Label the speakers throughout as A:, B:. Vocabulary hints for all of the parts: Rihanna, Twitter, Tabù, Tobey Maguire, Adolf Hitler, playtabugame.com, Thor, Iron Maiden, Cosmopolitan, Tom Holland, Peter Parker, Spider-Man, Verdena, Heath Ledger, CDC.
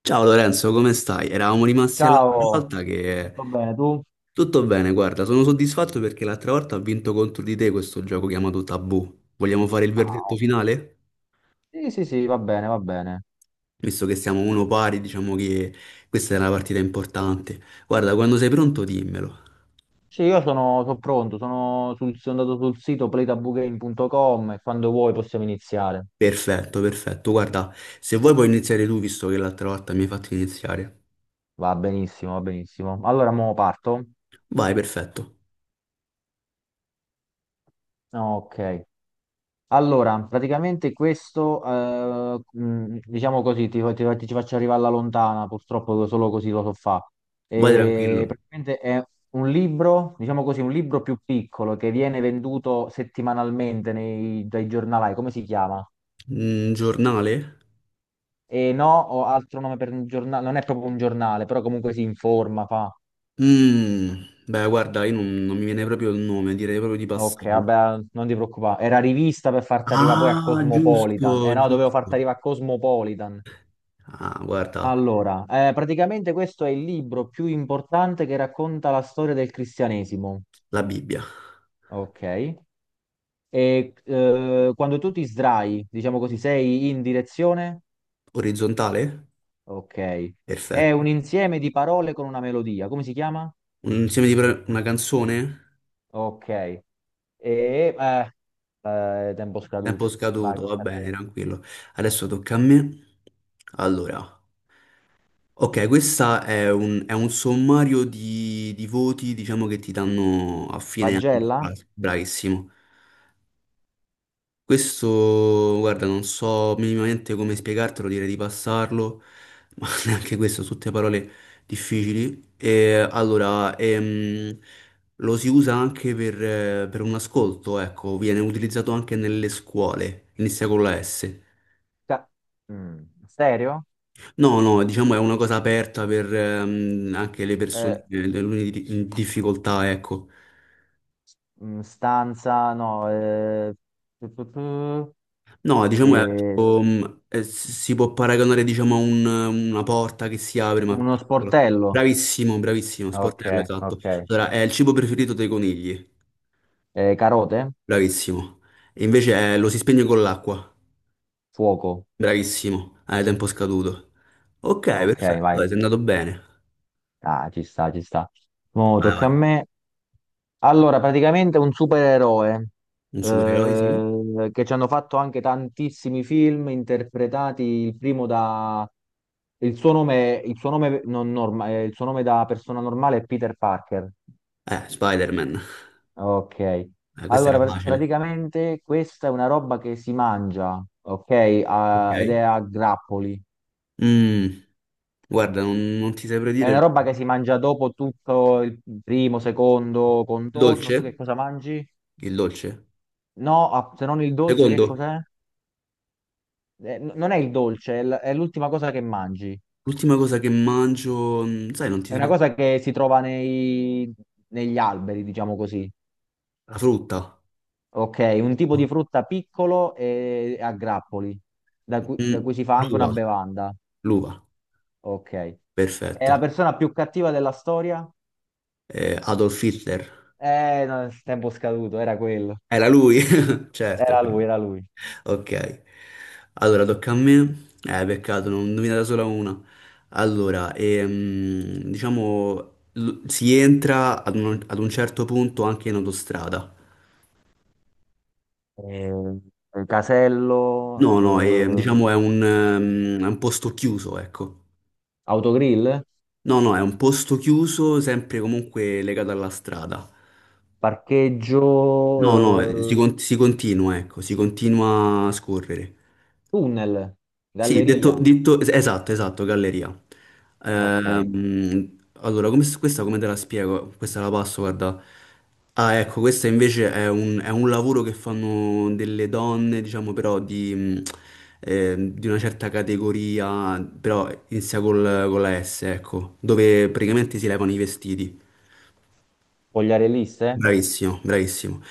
A: Ciao Lorenzo, come stai? Eravamo rimasti all'altra
B: Ciao,
A: volta che...
B: tutto bene tu?
A: Tutto bene, guarda, sono soddisfatto perché l'altra volta ho vinto contro di te questo gioco chiamato Tabù. Vogliamo fare il
B: Ah,
A: verdetto
B: oh.
A: finale?
B: Sì, sì, sì, va bene, va bene.
A: Visto che siamo uno pari, diciamo che questa è una partita importante. Guarda, quando sei pronto dimmelo.
B: Sì, io sono pronto, sono andato sul sito playtabugame.com e quando vuoi possiamo iniziare.
A: Perfetto, perfetto. Guarda, se vuoi puoi iniziare tu, visto che l'altra volta mi hai fatto iniziare.
B: Va benissimo, va benissimo. Allora, mo parto?
A: Vai, perfetto.
B: Ok. Allora, praticamente questo, diciamo così, ti faccio arrivare alla lontana, purtroppo solo così lo so fa.
A: Vai tranquillo.
B: E praticamente è un libro, diciamo così, un libro più piccolo che viene venduto settimanalmente dai giornalai, come si chiama?
A: Mm, giornale?
B: E no, ho altro nome per un giornale, non è proprio un giornale, però comunque si informa, fa.
A: Mm, beh, guarda, io non mi viene proprio il nome, direi proprio di
B: Ok,
A: passarlo.
B: vabbè, non ti preoccupare. Era rivista per farti arrivare poi a
A: Ah,
B: Cosmopolitan. Eh
A: giusto,
B: no, dovevo farti
A: giusto.
B: arrivare a Cosmopolitan.
A: Ah, guarda,
B: Allora, praticamente questo è il libro più importante che racconta la storia del cristianesimo,
A: la Bibbia.
B: ok? E quando tu ti sdrai, diciamo così, sei in direzione,
A: Orizzontale?
B: ok? È un
A: Perfetto.
B: insieme di parole con una melodia, come si chiama?
A: Un insieme di pre- Una canzone?
B: Ok. E, eh, tempo scaduto,
A: Tempo
B: vai,
A: scaduto, va
B: tocca a
A: bene,
B: te.
A: tranquillo. Adesso tocca a me. Allora, ok, questa è un sommario di voti, diciamo, che ti danno a fine anno. Ah,
B: Pagella?
A: bravissimo. Questo, guarda, non so minimamente come spiegartelo, direi di passarlo, ma neanche questo, sono tutte parole difficili. E allora, lo si usa anche per un ascolto, ecco, viene utilizzato anche nelle scuole, inizia con la S.
B: Ca- mm, Stereo?
A: No, no, diciamo è una cosa aperta per anche le
B: Eh,
A: persone, le alunni di difficoltà, ecco.
B: Stanza? No, tu.
A: No, diciamo è
B: Eh,
A: tipo, si può paragonare diciamo a una porta che si apre ma
B: Uno
A: piccola.
B: sportello.
A: Bravissimo, bravissimo,
B: Ok,
A: sportello, esatto.
B: ok.
A: Allora, è il cibo preferito dei conigli,
B: Carote?
A: bravissimo. Lo si spegne con l'acqua,
B: Fuoco.
A: bravissimo, hai tempo scaduto. Ok,
B: Ok,
A: perfetto,
B: vai.
A: dai, sei andato bene.
B: Ah, ci sta, ci sta. Mo
A: Vai,
B: tocca
A: vai.
B: a me. Allora, praticamente un supereroe,
A: Un supereroe, sì?
B: che ci hanno fatto anche tantissimi film interpretati. Il primo da. Il suo nome non norma- Il suo nome da persona normale è Peter Parker.
A: Spider-Man.
B: Ok.
A: Questa era
B: Allora,
A: facile.
B: praticamente questa è una roba che si mangia, ok? Ah, ed è
A: Ok.
B: a grappoli.
A: Mm, guarda, non ti saprei
B: È
A: dire...
B: una
A: Il
B: roba che si mangia dopo tutto il primo, secondo contorno. Tu che
A: dolce?
B: cosa mangi?
A: Il dolce?
B: No, ah, se non il dolce, che
A: Secondo?
B: cos'è? Non è il dolce, è l'ultima cosa che mangi.
A: L'ultima cosa che mangio, sai, non ti
B: È una
A: saprei.
B: cosa che si trova negli alberi, diciamo così.
A: La frutta.
B: Ok, un tipo di frutta piccolo e a grappoli, da cui, da
A: Mm,
B: cui si fa anche una
A: l'uva.
B: bevanda.
A: L'uva,
B: Ok. È la
A: perfetto.
B: persona più cattiva della storia?
A: Adolf Hitler.
B: No, tempo scaduto, era quello.
A: Era lui, certo.
B: Era lui, era lui.
A: Ok. Allora, tocca a me. Peccato, non ho indovinato solo una. Allora, si entra ad un certo punto anche in autostrada.
B: eh, Casello,
A: No, no, è un posto chiuso, ecco.
B: autogrill,
A: No, no, è un posto chiuso, sempre comunque legato alla strada.
B: parcheggio,
A: No, no, si continua, ecco, si continua a scorrere.
B: tunnel,
A: Sì,
B: galleria.
A: esatto, galleria.
B: Ok,
A: Questa come te la spiego? Questa la passo, guarda. Ah, ecco, questo invece è un lavoro che fanno delle donne, diciamo, però di una certa categoria, però con la S, ecco, dove praticamente si levano i vestiti.
B: Pogliarelliste.
A: Bravissimo, bravissimo.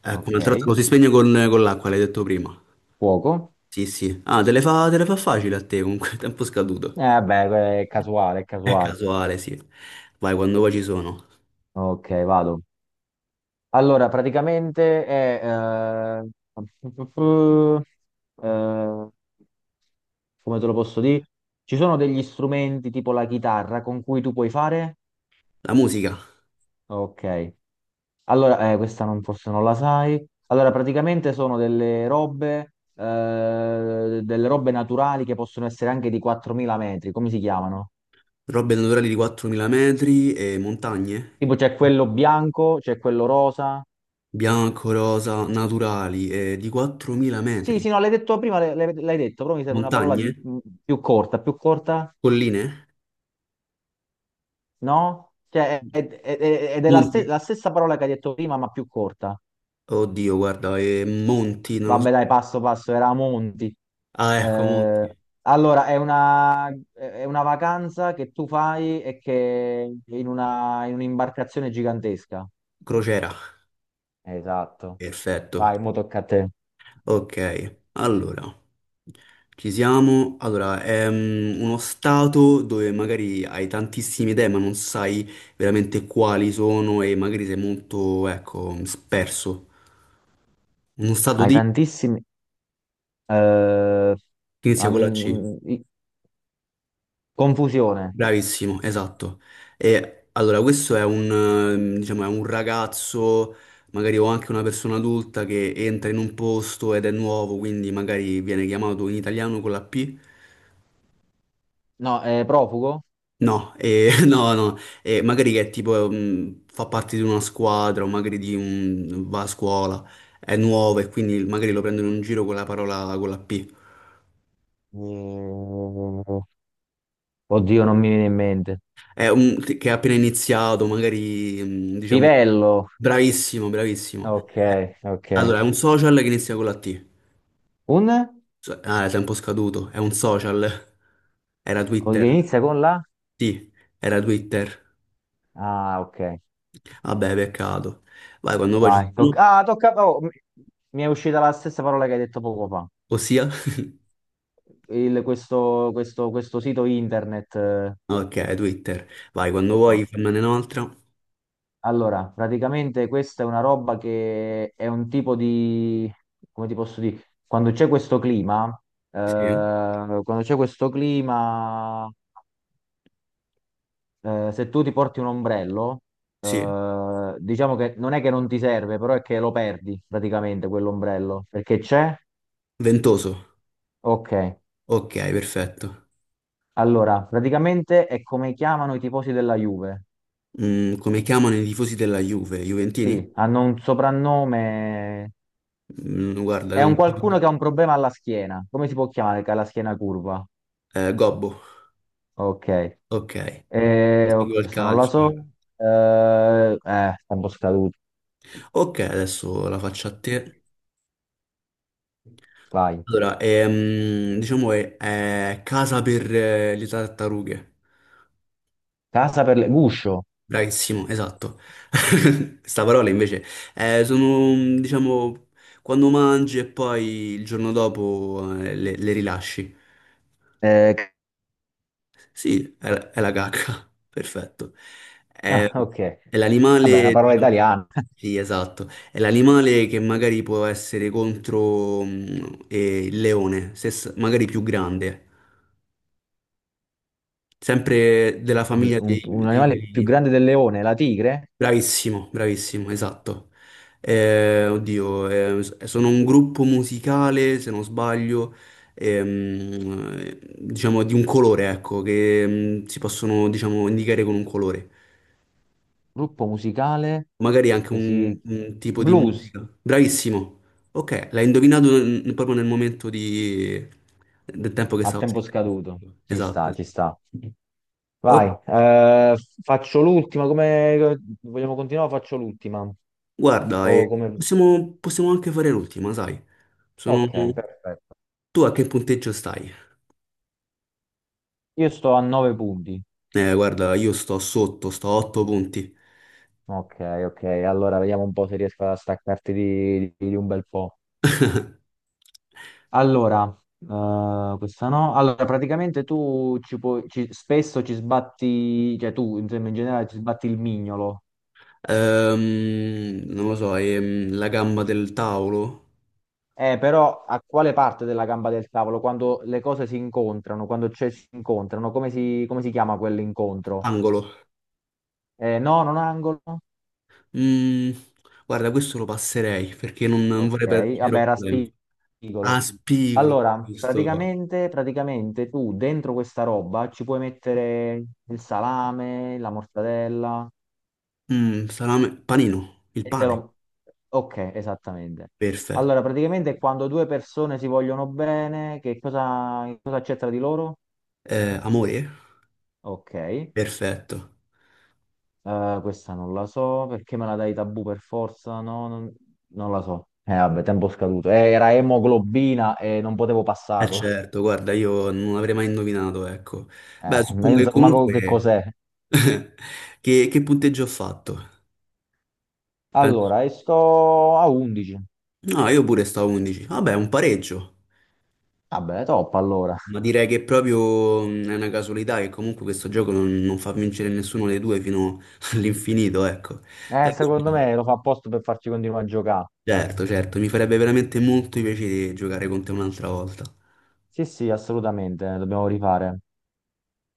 A: Ecco,
B: Ok,
A: un'altra volta lo si spegne con l'acqua, l'hai detto prima.
B: fuoco.
A: Sì, sì. Ah, te le fa facile a te, comunque, tempo
B: Eh
A: scaduto.
B: vabbè, è casuale, è
A: È
B: casuale.
A: casuale, sì. Vai, quando vuoi ci sono.
B: Ok, vado. Allora, praticamente è, eh, come te lo posso dire? Ci sono degli strumenti tipo la chitarra con cui tu puoi fare?
A: La musica.
B: Ok. Allora, questa non forse non la sai. Allora, praticamente sono delle robe naturali che possono essere anche di 4.000 metri. Come si chiamano?
A: Robe naturali di 4.000 metri e montagne.
B: Tipo c'è quello bianco, c'è quello rosa.
A: Bianco, rosa, naturali e di 4.000
B: Sì,
A: metri.
B: sì, no, l'hai detto prima, l'hai detto, però mi serve una parola
A: Montagne?
B: più corta,
A: Colline?
B: no? Cioè, è, è- è- è della ste-
A: Monti?
B: la stessa parola che hai detto prima, ma più corta.
A: Oddio, guarda, e monti, non lo so.
B: Vabbè, dai, passo passo, era a Monti.
A: Ah, ecco,
B: Eh,
A: monti.
B: allora, è una vacanza che tu fai e che in un'imbarcazione gigantesca.
A: Crociera.
B: Esatto.
A: Perfetto.
B: Vai, mo tocca a te.
A: Ok, allora. Ci siamo. Allora, è uno stato dove magari hai tantissime idee, ma non sai veramente quali sono e magari sei molto, ecco, sperso. Uno stato
B: Hai
A: di
B: tantissimi, eh,
A: che inizia con la C.
B: an- i- confusione.
A: Bravissimo, esatto. E allora, questo è un, diciamo, è un ragazzo, magari o anche una persona adulta che entra in un posto ed è nuovo, quindi magari viene chiamato in italiano con la P.
B: No, è profugo?
A: No, no, no, magari che tipo fa parte di una squadra o magari di un, va a scuola, è nuovo e quindi magari lo prendono in giro con la parola con la P.
B: Mm, Oddio, non mi viene in mente.
A: È un, che ha appena iniziato, magari diciamo
B: Livello.
A: bravissimo, bravissimo.
B: Ok,
A: Eh,
B: ok.
A: Allora, è un social che inizia con la T.
B: Un?
A: È tempo scaduto, è un social. Era
B: Che
A: Twitter.
B: inizia con la.
A: Sì, era Twitter.
B: Ah, ok.
A: Vabbè, peccato. Vai, quando poi ci
B: Vai,
A: sono,
B: ah, tocca. Oh, mi è uscita la stessa parola che hai detto poco fa.
A: ossia.
B: Questo sito internet. Eh,
A: Ok, Twitter. Vai, quando vuoi
B: no.
A: fammene un'altra.
B: Allora, praticamente questa è una roba che è un tipo di. Come ti posso dire?
A: Sì.
B: Quando c'è questo clima, se tu ti porti un ombrello,
A: Sì.
B: diciamo che non è che non ti serve, però è che lo perdi praticamente quell'ombrello perché c'è.
A: Ventoso.
B: Ok.
A: Ok, perfetto.
B: Allora, praticamente è come chiamano i tifosi della Juve.
A: Mm, come chiamano i tifosi della Juve? Juventini?
B: Sì, hanno un soprannome.
A: Mm, guarda,
B: È
A: non...
B: un qualcuno
A: so.
B: che ha un problema alla schiena. Come si può chiamare che ha la schiena curva?
A: Gobbo.
B: Ok.
A: Ok. Non
B: Oh,
A: seguo il
B: questa non la
A: calcio.
B: so. Eh, Sta un po' scaduto.
A: Ok, adesso la faccio a te.
B: Vai.
A: Allora, diciamo è casa per le tartarughe.
B: Casa per le, guscio.
A: Bravissimo, esatto. Sta parola invece sono, diciamo, quando mangi e poi il giorno dopo le rilasci.
B: Eh,
A: Sì, è la cacca, perfetto. È,
B: ah, ok.
A: è
B: Vabbè, è una
A: l'animale,
B: parola
A: diciamo,
B: italiana.
A: sì, esatto. È l'animale che magari può essere contro il leone, se s- magari più grande, sempre della famiglia
B: Un, un
A: dei
B: animale più
A: felini.
B: grande del leone, la tigre?
A: Bravissimo, bravissimo, esatto. Sono un gruppo musicale, se non sbaglio, diciamo di un colore, ecco, che si possono, diciamo, indicare con un colore.
B: Gruppo musicale
A: Magari anche
B: che si.
A: un tipo di
B: Blues
A: musica. Bravissimo. Ok, l'hai indovinato proprio nel momento di- del tempo che
B: a
A: stavo
B: tempo
A: scrivendo.
B: scaduto. Ci
A: Esatto,
B: sta, ci
A: esatto.
B: sta. Vai,
A: Oh,
B: faccio l'ultima. Come vogliamo continuare? Faccio l'ultima.
A: guarda,
B: O come.
A: possiamo anche fare l'ultima, sai? Sono...
B: Ok, perfetto.
A: Tu a che punteggio stai?
B: Io sto a 9 punti.
A: Guarda, io sto sotto, sto a 8 punti.
B: Ok, ok. Allora vediamo un po' se riesco a staccarti di un bel po'. Allora, questa no. Allora, praticamente tu spesso ci sbatti, cioè tu insomma, in generale ci sbatti il mignolo.
A: Non lo so, la gamba del tavolo?
B: Però a quale parte della gamba del tavolo? Quando le cose si incontrano, si incontrano, come si chiama quell'incontro?
A: Angolo.
B: No, non angolo?
A: Mm, guarda, questo lo passerei perché non vorrei
B: Ok,
A: perderci
B: vabbè, era
A: troppo tempo.
B: spigolo.
A: Ah, spigolo,
B: Allora,
A: giusto.
B: praticamente tu dentro questa roba ci puoi mettere il salame, la mortadella
A: Mm, salame, panino, il
B: e te
A: pane.
B: lo. Ok, esattamente.
A: Perfetto.
B: Allora, praticamente quando due persone si vogliono bene, che cosa c'è tra di loro?
A: Amore?
B: Ok.
A: Perfetto.
B: Questa non la so, perché me la dai tabù per forza? No, non la so. Vabbè, tempo scaduto. Era emoglobina e non potevo
A: Eh
B: passarla.
A: certo, guarda, io non avrei mai indovinato, ecco. Beh, suppongo che
B: Menzo, manco che
A: comunque...
B: cos'è.
A: che punteggio ho fatto?
B: Allora, esco a 11.
A: No, io pure stavo 11. Vabbè, un pareggio.
B: Vabbè, top allora.
A: Ma direi che proprio è una casualità che comunque questo gioco non fa vincere nessuno dei due fino all'infinito, ecco. Per
B: Secondo
A: cui-
B: me lo fa apposta per farci continuare a giocare.
A: Certo, certo, mi farebbe veramente molto piacere giocare con te un'altra volta.
B: Sì, sì, assolutamente, dobbiamo rifare.